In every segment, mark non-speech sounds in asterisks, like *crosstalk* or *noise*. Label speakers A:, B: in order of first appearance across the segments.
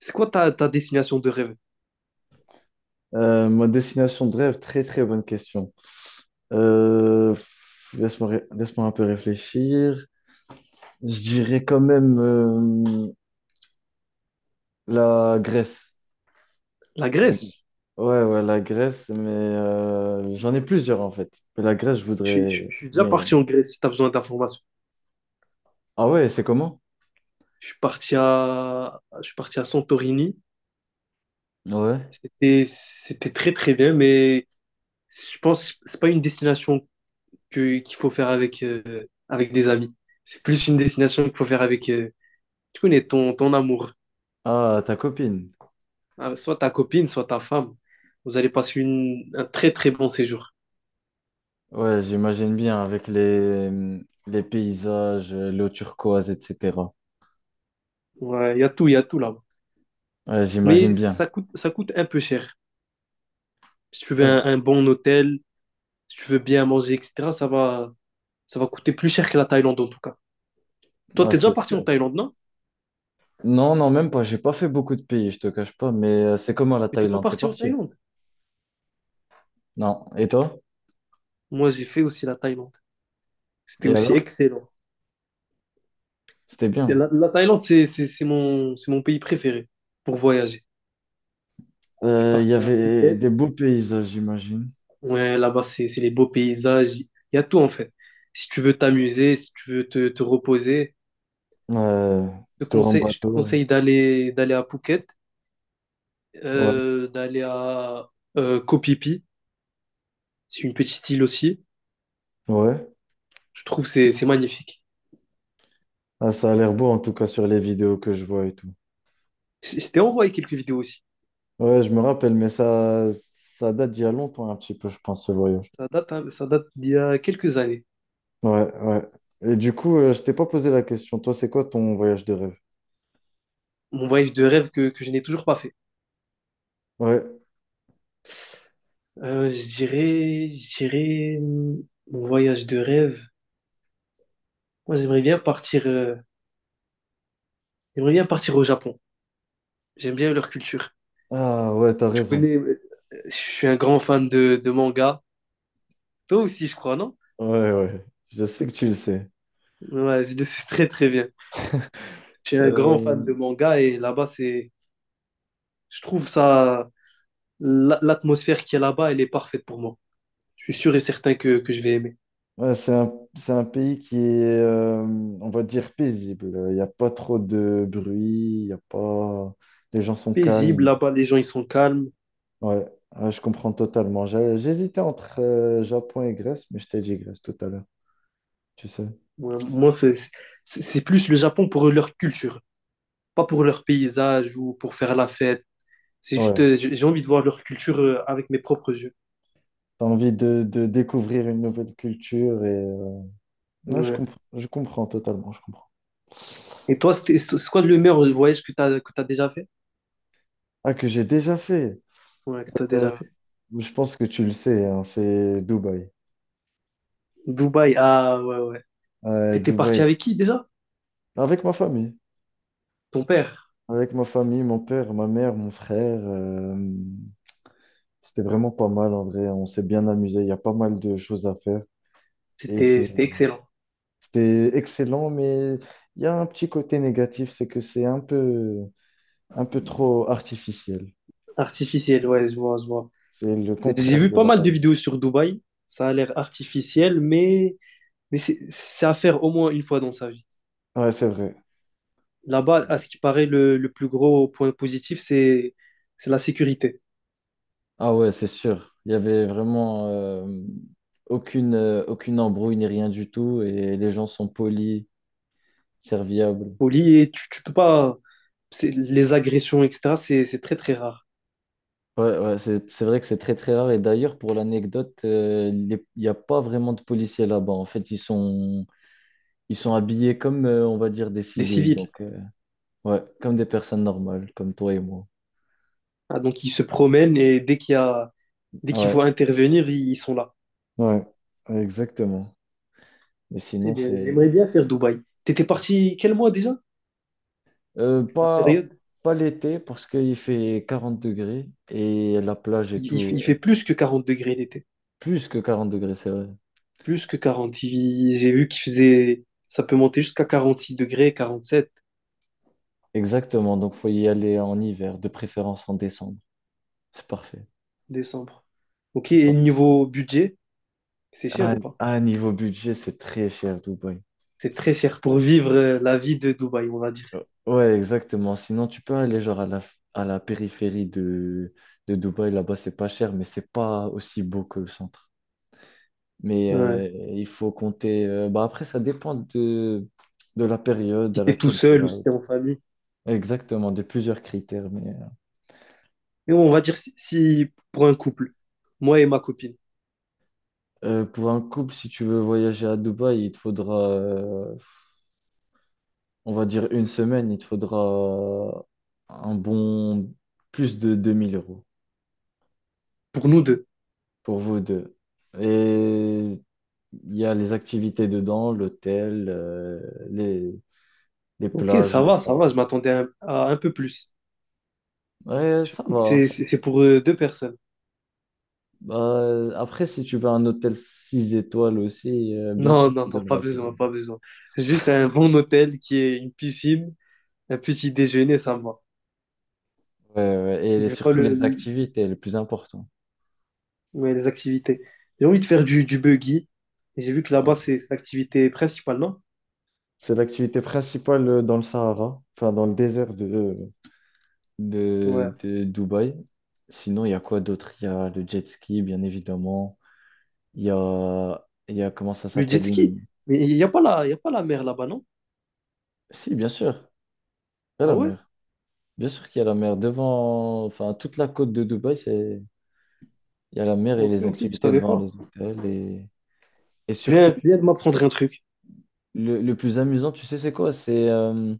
A: C'est quoi ta destination de rêve?
B: Ma destination de rêve, très très bonne question. Laisse-moi laisse-moi un peu réfléchir. Je dirais quand même la Grèce.
A: La
B: La-
A: Grèce.
B: Ouais, ouais, la Grèce, mais j'en ai plusieurs en fait. Mais la Grèce, je
A: Je, suis
B: voudrais
A: je- je suis déjà
B: bien. Y aller.
A: parti en Grèce si tu as besoin d'informations.
B: Ah ouais, c'est comment?
A: Je suis parti à Santorini.
B: Ouais.
A: C'était très très bien, mais je pense que c'est pas une destination qu'il faut faire avec, avec des amis. C'est plus une destination qu'il faut faire avec, tu connais, ton amour.
B: Ah, ta copine.
A: Soit ta copine, soit ta femme. Vous allez passer un très très bon séjour.
B: Ouais, j'imagine bien avec les paysages, l'eau turquoise, etc.
A: Ouais, il y a tout là-bas.
B: Ouais,
A: Mais
B: j'imagine bien.
A: ça coûte un peu cher. Si tu veux
B: Ah,
A: un bon hôtel, si tu veux bien manger, etc., ça va coûter plus cher que la Thaïlande en tout cas. Toi,
B: ah,
A: t'es déjà
B: c'est
A: parti
B: sûr.
A: en Thaïlande, non?
B: Non, non, même pas. J'ai pas fait beaucoup de pays, je te cache pas. Mais c'est comment la
A: Mais t'es pas
B: Thaïlande? T'es
A: parti en
B: parti?
A: Thaïlande.
B: Non. Et toi?
A: Moi, j'ai fait aussi la Thaïlande. C'était
B: Et
A: aussi
B: alors?
A: excellent.
B: C'était
A: C'était
B: bien.
A: la, la Thaïlande, c'est mon pays préféré pour voyager. Je suis
B: Il
A: parti
B: y
A: à
B: avait
A: Phuket.
B: des beaux paysages, j'imagine.
A: Ouais, là-bas, c'est les beaux paysages. Il y a tout en fait. Si tu veux t'amuser, si tu veux te reposer,
B: Euh, tour en
A: je te
B: bateau.
A: conseille d'aller à Phuket.
B: Ouais,
A: D'aller à Kopipi, c'est une petite île aussi.
B: ouais.
A: Je trouve que c'est magnifique.
B: Ah, ça a l'air beau, en tout cas, sur les vidéos que je vois et tout.
A: Je t'ai envoyé quelques vidéos aussi.
B: Ouais, je me rappelle, mais ça date d'il y a longtemps, un petit peu, je pense, ce voyage.
A: Ça date, hein, ça date d'il y a quelques années.
B: Ouais, ouais. Et du coup, je t'ai pas posé la question. Toi, c'est quoi ton voyage de rêve?
A: Mon voyage de rêve que je n'ai toujours pas fait.
B: Ouais.
A: Je dirais mon voyage de rêve. Moi, j'aimerais bien partir au Japon. J'aime bien leur culture.
B: Ah, ouais, t'as
A: Tu
B: raison.
A: connais, je suis un grand fan de manga. Toi aussi, je crois, non?
B: Ouais, ouais. Je sais que tu le sais.
A: Ouais, je le sais très très bien. Je suis un grand fan
B: Euh,
A: de manga et là-bas, c'est... Je trouve ça, l'atmosphère qui est là-bas, elle est parfaite pour moi. Je suis sûr et certain que je vais aimer.
B: Ouais, c'est un pays qui est, on va dire, paisible. Il n'y a pas trop de bruit, il y a pas... les gens sont
A: Paisible,
B: calmes.
A: là-bas, les gens, ils sont calmes.
B: Ouais, ouais, je comprends totalement. J'hésitais entre Japon et Grèce, mais je t'ai dit Grèce tout à l'heure, tu sais.
A: Ouais, moi, c'est plus le Japon pour leur culture, pas pour leur paysage ou pour faire la fête. C'est juste,
B: Ouais,
A: j'ai envie de voir leur culture avec mes propres yeux.
B: t'as envie de découvrir une nouvelle culture et... Non,
A: Ouais.
B: je comprends totalement, je comprends.
A: Et toi, c'est quoi le meilleur voyage que que tu déjà fait?
B: Ah, que j'ai déjà fait.
A: Ouais, que tu
B: Euh,
A: déjà fait.
B: je pense que tu le sais, hein, c'est Dubaï.
A: Dubaï, ah ouais, ouais.
B: Euh,
A: T'étais
B: Dubaï,
A: parti avec qui déjà?
B: avec ma famille.
A: Ton père.
B: Avec ma famille, mon père, ma mère, mon frère, c'était vraiment pas mal en vrai. On s'est bien amusé. Il y a pas mal de choses à faire. Et c'est,
A: C'était excellent.
B: c'était excellent, mais il y a un petit côté négatif, c'est que un peu trop artificiel.
A: Artificiel, ouais, je vois.
B: C'est le
A: J'ai
B: contraire
A: vu
B: de
A: pas
B: la
A: mal de
B: taille.
A: vidéos sur Dubaï. Ça a l'air artificiel, mais c'est à faire au moins une fois dans sa vie.
B: Ouais, c'est vrai.
A: Là-bas, à ce qui paraît, le plus gros point positif, c'est la sécurité.
B: Ah ouais, c'est sûr. Il y avait vraiment aucune embrouille ni rien du tout et les gens sont polis, serviables.
A: Au lit, et tu peux pas. Les agressions, etc., c'est très très rare.
B: Ouais, ouais, c'est vrai que c'est très très rare. Et d'ailleurs, pour l'anecdote, il n'y a pas vraiment de policiers là-bas. En fait, ils sont habillés comme, on va dire, des
A: Des
B: civils.
A: civils.
B: Donc, ouais, comme des personnes normales, comme toi et moi.
A: Ah, donc ils se promènent et dès qu'il faut
B: Ouais,
A: intervenir, ils sont là.
B: ouais, exactement. Mais
A: C'est
B: sinon,
A: bien.
B: c'est
A: J'aimerais bien faire Dubaï. T'étais parti quel mois déjà? La
B: pas,
A: période?
B: pas l'été parce qu'il fait 40 degrés et la plage et tout,
A: Il fait plus que 40 degrés l'été.
B: plus que 40 degrés, c'est vrai.
A: Plus que 40 j'ai vu qu'il faisait, ça peut monter jusqu'à 46 degrés, 47
B: Exactement. Donc, faut y aller en hiver, de préférence en décembre. C'est parfait.
A: décembre. Ok,
B: C'est
A: et
B: parfait.
A: niveau budget, c'est cher
B: Ah,
A: ou pas?
B: ah, niveau budget, c'est très cher, Dubaï.
A: C'est très cher pour vivre la vie de Dubaï, on va dire.
B: Ouais, exactement. Sinon, tu peux aller genre à la périphérie de Dubaï. Là-bas, c'est pas cher, mais c'est pas aussi beau que le centre. Mais
A: Ouais.
B: il faut compter. Après, de la période
A: Si
B: à
A: t'es tout
B: laquelle tu
A: seul ou
B: vas.
A: si t'es en famille.
B: Exactement, de plusieurs critères. Mais
A: Et on va dire si pour un couple, moi et ma copine,
B: pour un couple, si tu veux voyager à Dubaï, il te faudra, on va dire, une semaine. Il te faudra un bon plus de 2000 euros.
A: pour nous deux.
B: Pour vous deux. Et il y a les activités dedans, l'hôtel, les, les
A: Ok,
B: plages, le
A: ça va,
B: Sahara.
A: je m'attendais à un peu plus.
B: Ouais, ça
A: Surtout que
B: va. Ça
A: c'est pour deux personnes.
B: va. Après, si tu veux un hôtel 6 étoiles aussi, bien
A: Non,
B: sûr, tu
A: non, non, pas
B: devras payer.
A: besoin, pas besoin. Juste un bon hôtel qui est une piscine, un petit déjeuner, ça me va.
B: Ouais, ouais, et
A: J'ai pas
B: surtout
A: le,
B: les
A: le-
B: activités, le plus important.
A: Ouais, les activités. J'ai envie de faire du buggy. Et j'ai vu que
B: Ouais.
A: là-bas, c'est l'activité principale, non?
B: C'est l'activité principale dans le Sahara, enfin dans le désert
A: Ouais.
B: de Dubaï. Sinon, il y a quoi d'autre? Il y a le jet ski, bien évidemment. Il y a comment ça
A: Le jet
B: s'appelle
A: ski.
B: une,
A: Mais il y a pas la mer là-bas, non?
B: si, bien sûr, il y a
A: Ah
B: la
A: ouais?
B: mer. Bien sûr qu'il y a la mer. Devant, enfin, toute la côte de Dubaï, c'est... il y a la mer et
A: Ok,
B: les
A: ok, je
B: activités
A: savais
B: devant
A: pas.
B: les hôtels. Et surtout,
A: Tu viens de m'apprendre un truc.
B: le plus amusant, tu sais, c'est quoi?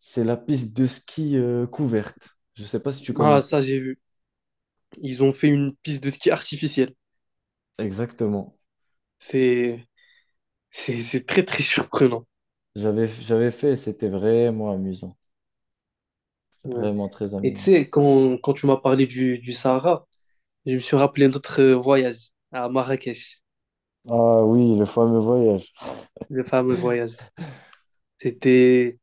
B: C'est la piste de ski couverte. Je sais pas si tu connais
A: Ah,
B: ça.
A: ça, j'ai vu. Ils ont fait une piste de ski artificielle.
B: Exactement.
A: C'est, c'est très, très surprenant.
B: J'avais fait et c'était vraiment amusant. C'était
A: Ouais.
B: vraiment très
A: Et tu
B: amusant.
A: sais, quand tu m'as parlé du Sahara, je me suis rappelé notre voyage à Marrakech,
B: Ah oui, le fameux voyage.
A: le fameux voyage. C'était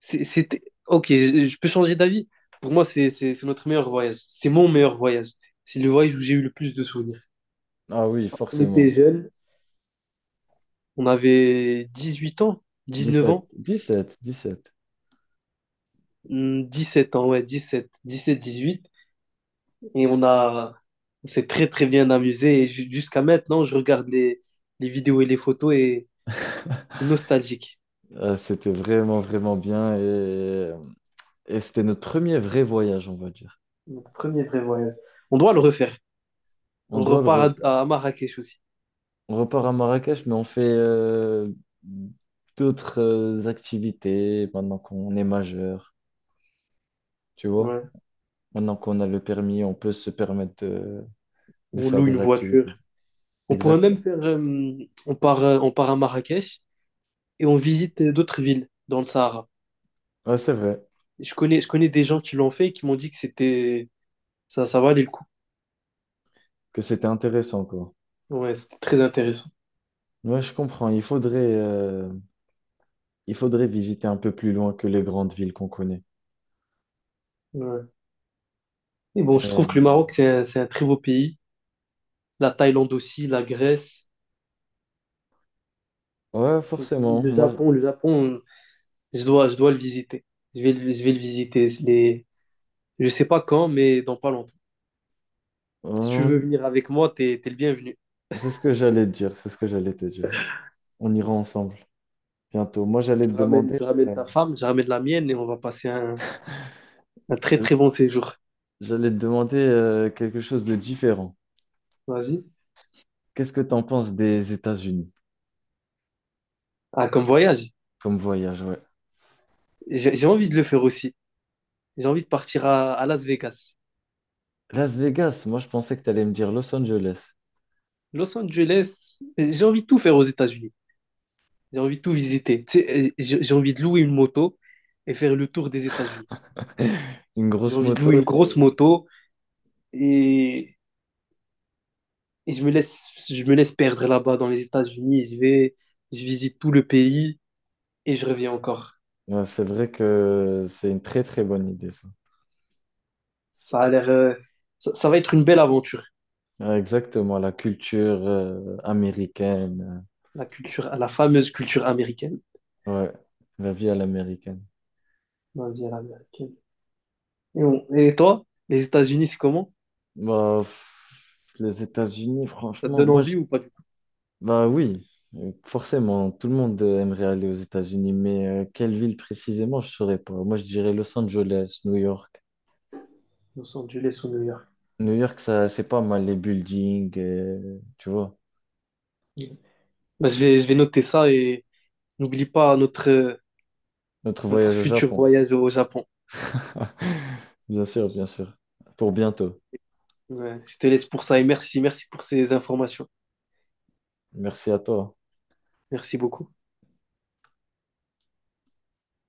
A: C'était... Ok, je peux changer d'avis. Pour moi, c'est notre meilleur voyage. C'est mon meilleur voyage. C'est le voyage où j'ai eu le plus de souvenirs.
B: Ah oui,
A: On était
B: forcément.
A: jeunes, on avait 18 ans, 19
B: Dix-sept,
A: ans,
B: dix-sept, dix-sept.
A: sept ans, ouais, dix sept dix huit. Et on a... on s'est très, très bien amusé. Et jusqu'à maintenant, je regarde les vidéos et les photos et nostalgique.
B: C'était vraiment, vraiment bien et c'était notre premier vrai voyage, on va dire.
A: Mon premier vrai voyage. On doit le refaire.
B: On
A: On
B: doit le
A: repart
B: refaire.
A: à Marrakech aussi.
B: On repart à Marrakech, mais on fait d'autres activités maintenant qu'on est majeur, tu vois.
A: Ouais.
B: Maintenant qu'on a le permis, on peut se permettre de
A: On
B: faire
A: loue une
B: des activités.
A: voiture. On pourrait même
B: Exactement.
A: faire, on part à Marrakech et on visite d'autres villes dans le Sahara.
B: Ouais, c'est vrai
A: Et je connais des gens qui l'ont fait et qui m'ont dit que ça, ça valait le coup.
B: que c'était intéressant, quoi.
A: Ouais, c'était très intéressant.
B: Ouais, je comprends. Il faudrait visiter un peu plus loin que les grandes villes qu'on connaît.
A: Ouais. Et bon, je
B: Et-
A: trouve que le Maroc, c'est un très beau pays. La Thaïlande aussi, la Grèce,
B: Ouais, forcément.
A: Le Japon, je dois le visiter. Je vais, je vais le visiter. Les, je sais pas quand, mais dans pas longtemps. Si tu
B: Euh,
A: veux venir avec moi, t'es le bienvenu.
B: c'est ce que j'allais te dire. C'est ce que j'allais te dire. On ira ensemble bientôt. Moi, j'allais te demander,
A: Tu ramènes
B: euh,
A: ta femme, je ramène la mienne et on va passer un très
B: j'allais
A: très bon séjour.
B: j'allais te demander quelque chose de différent.
A: Vas-y.
B: Qu'est-ce que tu en penses des États-Unis
A: Ah, comme voyage.
B: comme voyage? Ouais.
A: J'ai envie de le faire aussi. J'ai envie de partir à Las Vegas,
B: Las Vegas. Moi, je pensais que tu allais me dire Los Angeles.
A: Los Angeles. J'ai envie de tout faire aux États-Unis. J'ai envie de tout visiter. Tu sais, j'ai envie de louer une moto et faire le tour des États-Unis.
B: *laughs* Une
A: J'ai
B: grosse
A: envie de louer
B: moto.
A: une grosse moto et, je me laisse perdre là-bas dans les États-Unis. Je vais, je visite tout le pays et je reviens encore.
B: Ouais, c'est vrai que c'est une très très bonne idée, ça.
A: Ça a l'air, ça, ça va être une belle aventure.
B: Ouais, exactement, la culture américaine.
A: La culture, la fameuse culture américaine.
B: Ouais, la vie à l'américaine.
A: Ma vie à l'américaine. Et, et toi, les États-Unis, c'est comment?
B: Bah, pff, les États-Unis,
A: Ça te
B: franchement,
A: donne envie ou pas du tout?
B: bah oui, forcément, tout le monde aimerait aller aux États-Unis, mais quelle ville précisément, je saurais pas. Moi, je dirais Los Angeles, New York.
A: Los Angeles ou New York.
B: New York, ça, c'est pas mal, les buildings, tu vois.
A: Ouais. Bah, je vais noter ça et n'oublie pas notre,
B: Notre
A: notre
B: voyage au
A: futur
B: Japon.
A: voyage au Japon.
B: *laughs* Bien sûr, bien sûr. Pour bientôt.
A: Ouais, je te laisse pour ça et merci, merci pour ces informations.
B: Merci à toi.
A: Merci beaucoup.